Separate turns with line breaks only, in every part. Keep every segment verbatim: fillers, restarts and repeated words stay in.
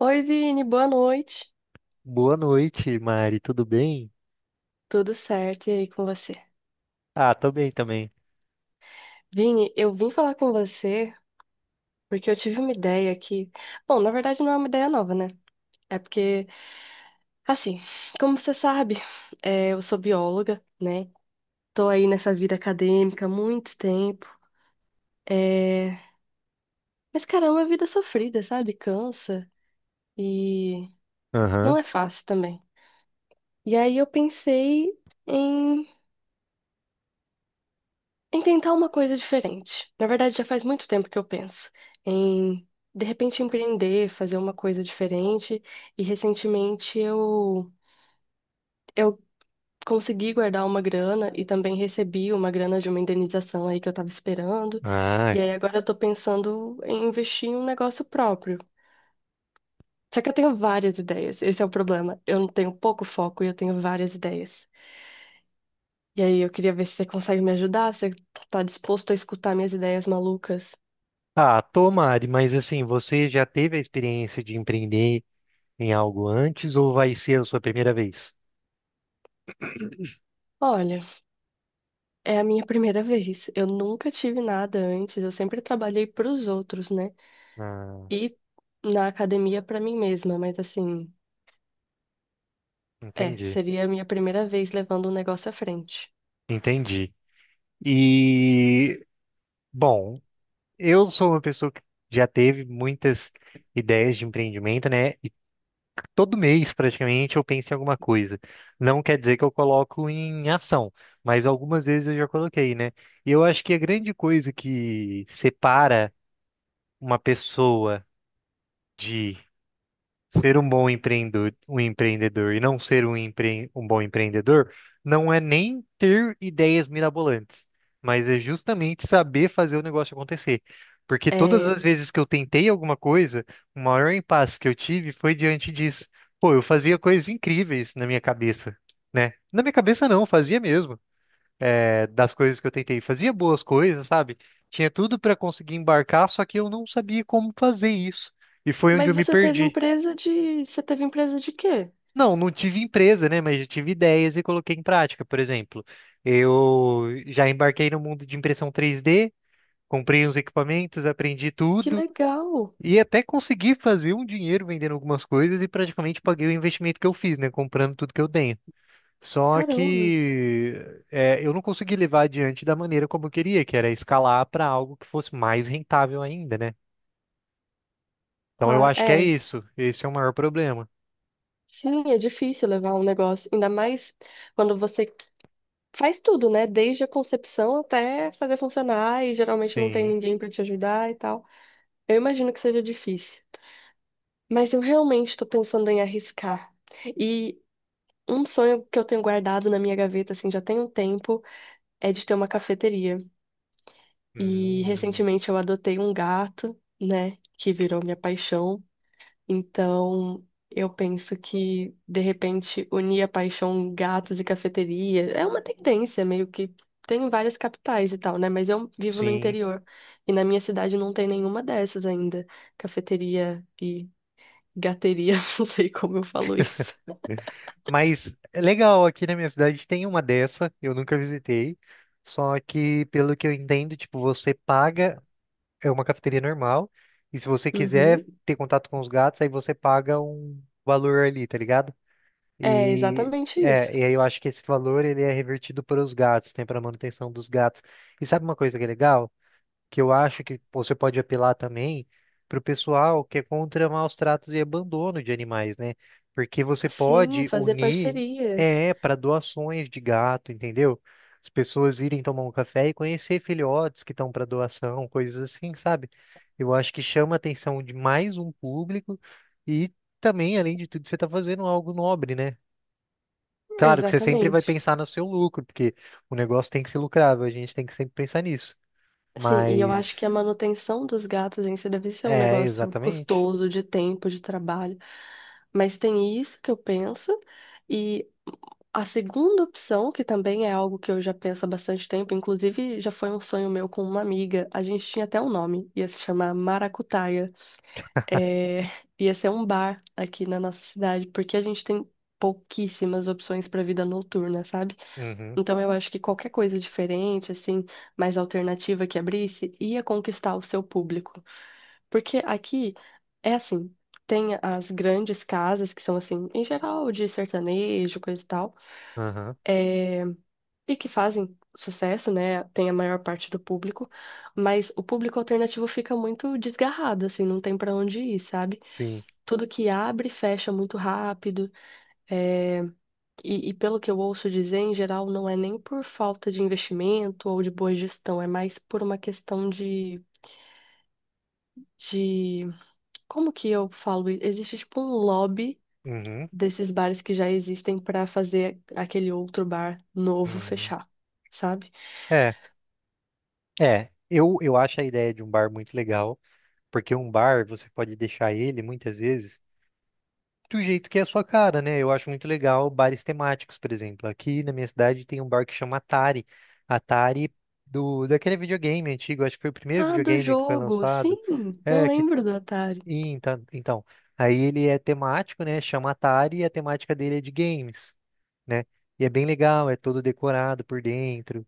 Oi, Vini, boa noite.
Boa noite, Mari. Tudo bem?
Tudo certo, e aí com você?
Ah, tô bem também.
Vini, eu vim falar com você porque eu tive uma ideia que, bom, na verdade não é uma ideia nova, né? É porque, assim, como você sabe, é, eu sou bióloga, né? Tô aí nessa vida acadêmica há muito tempo. É... Mas, cara, é uma vida sofrida, sabe? Cansa e não
Aham.
é fácil também. E aí eu pensei em em tentar uma coisa diferente. Na verdade, já faz muito tempo que eu penso em, de repente, empreender, fazer uma coisa diferente. E recentemente eu, eu consegui guardar uma grana e também recebi uma grana de uma indenização aí que eu estava esperando.
Ah.
E aí agora eu tô pensando em investir em um negócio próprio. Só que eu tenho várias ideias, esse é o problema. Eu não tenho pouco foco e eu tenho várias ideias. E aí eu queria ver se você consegue me ajudar, se você tá disposto a escutar minhas ideias malucas.
Ah, tô, Mari, mas assim, você já teve a experiência de empreender em algo antes ou vai ser a sua primeira vez?
Olha. É a minha primeira vez. Eu nunca tive nada antes. Eu sempre trabalhei pros outros, né?
Ah,
E na academia pra mim mesma. Mas assim, é,
entendi.
seria a minha primeira vez levando o negócio à frente.
Entendi. E, bom, eu sou uma pessoa que já teve muitas ideias de empreendimento, né? Todo mês praticamente eu penso em alguma coisa. Não quer dizer que eu coloco em ação, mas algumas vezes eu já coloquei, né? E eu acho que a grande coisa que separa uma pessoa de ser um bom empreendedor, um empreendedor e não ser um, empre, um bom empreendedor não é nem ter ideias mirabolantes, mas é justamente saber fazer o negócio acontecer. Porque todas
É,
as vezes que eu tentei alguma coisa, o maior impasse que eu tive foi diante disso. Pô, eu fazia coisas incríveis na minha cabeça, né? Na minha cabeça não, fazia mesmo. É, das coisas que eu tentei, fazia boas coisas, sabe? Tinha tudo para conseguir embarcar, só que eu não sabia como fazer isso. E foi onde
mas
eu me
você teve
perdi.
empresa de, você teve empresa de quê?
Não, não tive empresa, né? Mas eu tive ideias e coloquei em prática. Por exemplo, eu já embarquei no mundo de impressão três D, comprei uns equipamentos, aprendi
Que
tudo
legal!
e até consegui fazer um dinheiro vendendo algumas coisas e praticamente paguei o investimento que eu fiz, né? Comprando tudo que eu tenho. Só
Caramba!
que é, eu não consegui levar adiante da maneira como eu queria, que era escalar para algo que fosse mais rentável ainda, né? Então eu
Claro,
acho que é
é.
isso. Esse é o maior problema.
Sim, é difícil levar um negócio, ainda mais quando você faz tudo, né? Desde a concepção até fazer funcionar e geralmente não tem
Sim.
ninguém pra te ajudar e tal. Eu imagino que seja difícil. Mas eu realmente estou pensando em arriscar. E um sonho que eu tenho guardado na minha gaveta, assim, já tem um tempo, é de ter uma cafeteria. E
Hum,
recentemente eu adotei um gato, né, que virou minha paixão. Então eu penso que, de repente, unir a paixão gatos e cafeteria é uma tendência, meio que tem em várias capitais e tal, né? Mas eu vivo no
sim.
interior e na minha cidade não tem nenhuma dessas ainda. Cafeteria e gateria, não sei como eu falo isso.
Mas é legal, aqui na minha cidade tem uma dessa, eu nunca visitei. Só que, pelo que eu entendo, tipo, você paga, é uma cafeteria normal, e se você quiser
Uhum.
ter contato com os gatos, aí você paga um valor ali, tá ligado?
É
E
exatamente isso.
é, e aí eu acho que esse valor ele é revertido para os gatos, tem para manutenção dos gatos. E sabe uma coisa que é legal? Que eu acho que você pode apelar também para o pessoal que é contra maus tratos e abandono de animais, né? Porque você
Sim,
pode
fazer
unir
parcerias.
é para doações de gato, entendeu? As pessoas irem tomar um café e conhecer filhotes que estão para doação, coisas assim, sabe? Eu acho que chama a atenção de mais um público e também, além de tudo, você está fazendo algo nobre, né? Claro que você sempre vai
Exatamente.
pensar no seu lucro, porque o negócio tem que ser lucrável, a gente tem que sempre pensar nisso.
Sim, e eu acho que a
Mas
manutenção dos gatos em si deve ser um
é,
negócio
exatamente.
custoso de tempo, de trabalho, mas tem isso que eu penso. E a segunda opção, que também é algo que eu já penso há bastante tempo, inclusive já foi um sonho meu com uma amiga, a gente tinha até um nome, ia se chamar Maracutaia. É, ia ser um bar aqui na nossa cidade, porque a gente tem pouquíssimas opções para vida noturna, sabe?
Uhum,
Então eu acho que qualquer coisa diferente, assim, mais alternativa que abrisse, ia conquistar o seu público. Porque aqui é assim, tem as grandes casas que são assim, em geral, de sertanejo, coisa e tal,
aham,
eh, e que fazem sucesso, né? Tem a maior parte do público, mas o público alternativo fica muito desgarrado, assim, não tem pra onde ir, sabe?
sim.
Tudo que abre fecha muito rápido. eh, E, e pelo que eu ouço dizer, em geral, não é nem por falta de investimento ou de boa gestão, é mais por uma questão de, de... Como que eu falo? Existe tipo um lobby
Uhum,
desses bares que já existem para fazer aquele outro bar novo
uhum.
fechar, sabe?
É, é. Eu, eu acho a ideia de um bar muito legal, porque um bar você pode deixar ele muitas vezes do jeito que é a sua cara, né? Eu acho muito legal bares temáticos, por exemplo. Aqui na minha cidade tem um bar que chama Atari. Atari do Daquele videogame antigo, acho que foi o primeiro
Ah, do
videogame que foi
jogo!
lançado.
Sim, eu
É, que
lembro do Atari.
e então, então, aí ele é temático, né? Chama Atari e a temática dele é de games. Né? E é bem legal, é todo decorado por dentro,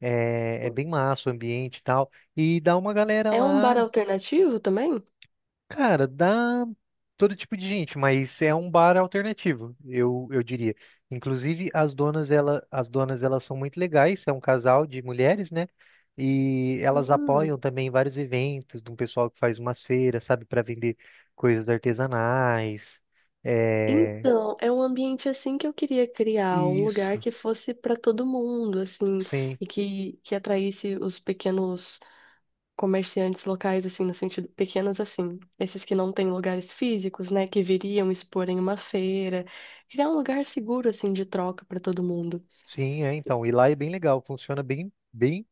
é, é bem massa o ambiente e tal. E dá uma galera
É um bar
lá,
alternativo também?
cara, dá todo tipo de gente, mas é um bar alternativo, eu, eu diria. Inclusive, as donas, ela, as donas, elas são muito legais, é um casal de mulheres, né? E elas
Hum.
apoiam também vários eventos, de um pessoal que faz umas feiras, sabe, para vender coisas artesanais. É...
Então, é um ambiente assim que eu queria criar, um lugar
Isso,
que fosse para todo mundo, assim,
sim.
e que, que atraísse os pequenos comerciantes locais, assim, no sentido, pequenos assim, esses que não têm lugares físicos, né, que viriam expor em uma feira, criar um lugar seguro, assim, de troca para todo mundo.
Sim, é, então. E lá é bem legal, funciona bem, bem.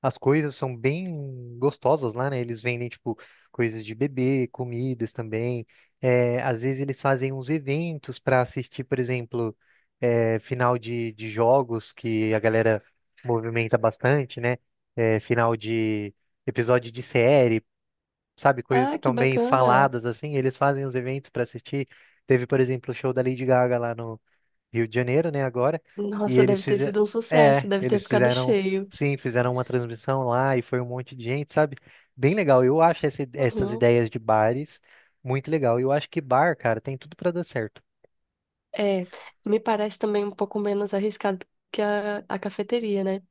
As coisas são bem gostosas lá, né? Eles vendem, tipo, coisas de bebê, comidas também. É, às vezes eles fazem uns eventos para assistir, por exemplo, é, final de, de jogos que a galera movimenta bastante, né? É, final de episódio de série, sabe? Coisas que
Ah, que
estão bem
bacana!
faladas, assim. Eles fazem os eventos para assistir. Teve, por exemplo, o show da Lady Gaga lá no Rio de Janeiro, né, agora, e
Nossa, deve
eles
ter
fizeram,
sido um sucesso,
é,
deve ter
eles
ficado
fizeram,
cheio.
sim, fizeram uma transmissão lá e foi um monte de gente, sabe? Bem legal. Eu acho essa- essas
Uhum.
ideias de bares muito legal. Eu acho que bar, cara, tem tudo pra dar certo.
É, me parece também um pouco menos arriscado que a, a cafeteria, né?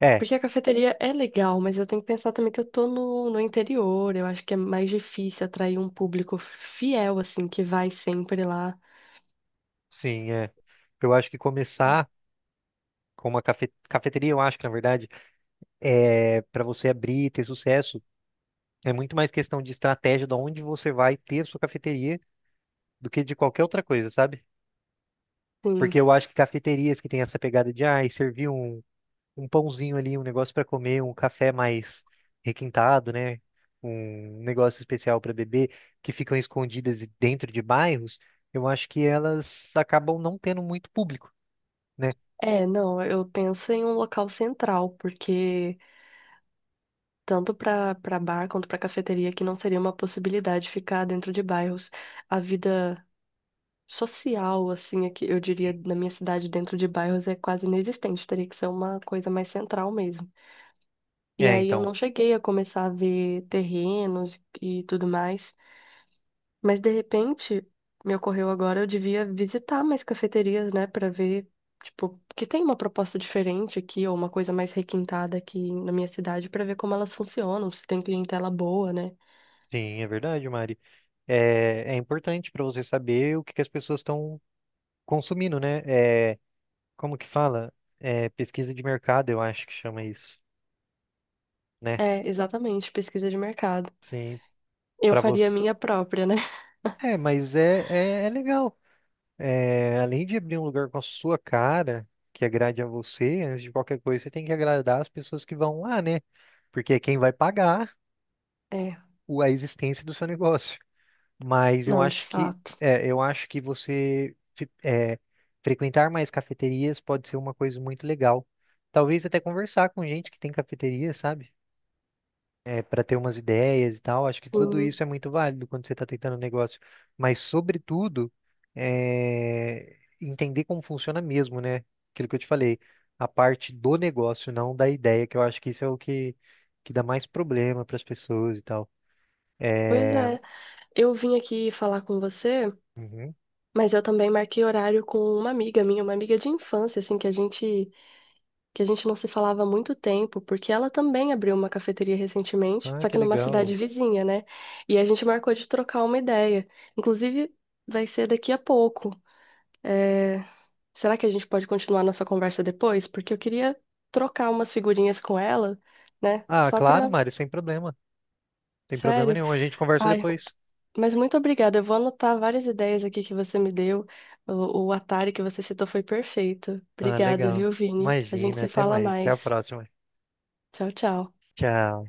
É,
Porque a cafeteria é legal, mas eu tenho que pensar também que eu tô no, no interior. Eu acho que é mais difícil atrair um público fiel, assim, que vai sempre lá.
sim, é. Eu acho que começar com uma cafe- cafeteria, eu acho que na verdade é para você abrir e ter sucesso, é muito mais questão de estratégia de onde você vai ter a sua cafeteria do que de qualquer outra coisa, sabe? Porque
Sim.
eu acho que cafeterias que têm essa pegada de, ah, servir um um pãozinho ali, um negócio para comer, um café mais requintado, né? Um negócio especial para beber, que ficam escondidas e dentro de bairros, eu acho que elas acabam não tendo muito público, né?
É, não, eu penso em um local central, porque tanto para para bar quanto para cafeteria, que não seria uma possibilidade ficar dentro de bairros. A vida social, assim, aqui, eu diria, na minha cidade, dentro de bairros, é quase inexistente, teria que ser uma coisa mais central mesmo. E
É,
aí eu
então,
não cheguei a começar a ver terrenos e tudo mais, mas de repente me ocorreu agora, eu devia visitar mais cafeterias, né, para ver, tipo, que tem uma proposta diferente aqui, ou uma coisa mais requintada aqui na minha cidade, para ver como elas funcionam, se tem clientela boa, né?
sim, é verdade, Mari. É, é importante para você saber o que que as pessoas estão consumindo, né? É, como que fala? É, pesquisa de mercado, eu acho que chama isso, né?
É, exatamente, pesquisa de mercado.
Sim,
Eu
para
faria a
você.
minha própria, né?
É, mas é, é, é legal. É, além de abrir um lugar com a sua cara, que agrade a você, antes de qualquer coisa, você tem que agradar as pessoas que vão lá, né? Porque é quem vai pagar
É,
o- a existência do seu negócio. Mas eu
não, de
acho que,
fato.
é, eu acho que você fi- é, frequentar mais cafeterias pode ser uma coisa muito legal. Talvez até conversar com gente que tem cafeteria, sabe? É, para ter umas ideias e tal. Acho que tudo
Sim.
isso é muito válido quando você está tentando um negócio, mas sobretudo é, entender como funciona mesmo, né? Aquilo que eu te falei, a parte do negócio, não da ideia, que eu acho que isso é o que que dá mais problema para as pessoas e tal.
Pois
Eh,
é, eu vim aqui falar com você,
Uhum.
mas eu também marquei horário com uma amiga minha, uma amiga de infância, assim, que a gente que a gente não se falava há muito tempo, porque ela também abriu uma cafeteria recentemente,
Ah,
só
que
que numa cidade
legal.
vizinha, né? E a gente marcou de trocar uma ideia. Inclusive, vai ser daqui a pouco. É, será que a gente pode continuar nossa conversa depois? Porque eu queria trocar umas figurinhas com ela, né?
Ah,
Só
claro,
pra.
Mário, sem problema. Tem problema
Sério.
nenhum. A gente conversa
Ai,
depois.
mas muito obrigada. Eu vou anotar várias ideias aqui que você me deu. O, o Atari que você citou foi perfeito.
Ah,
Obrigada,
legal.
viu, Vini? A gente
Imagina,
se
até
fala
mais. Até a
mais.
próxima.
Tchau, tchau.
Tchau.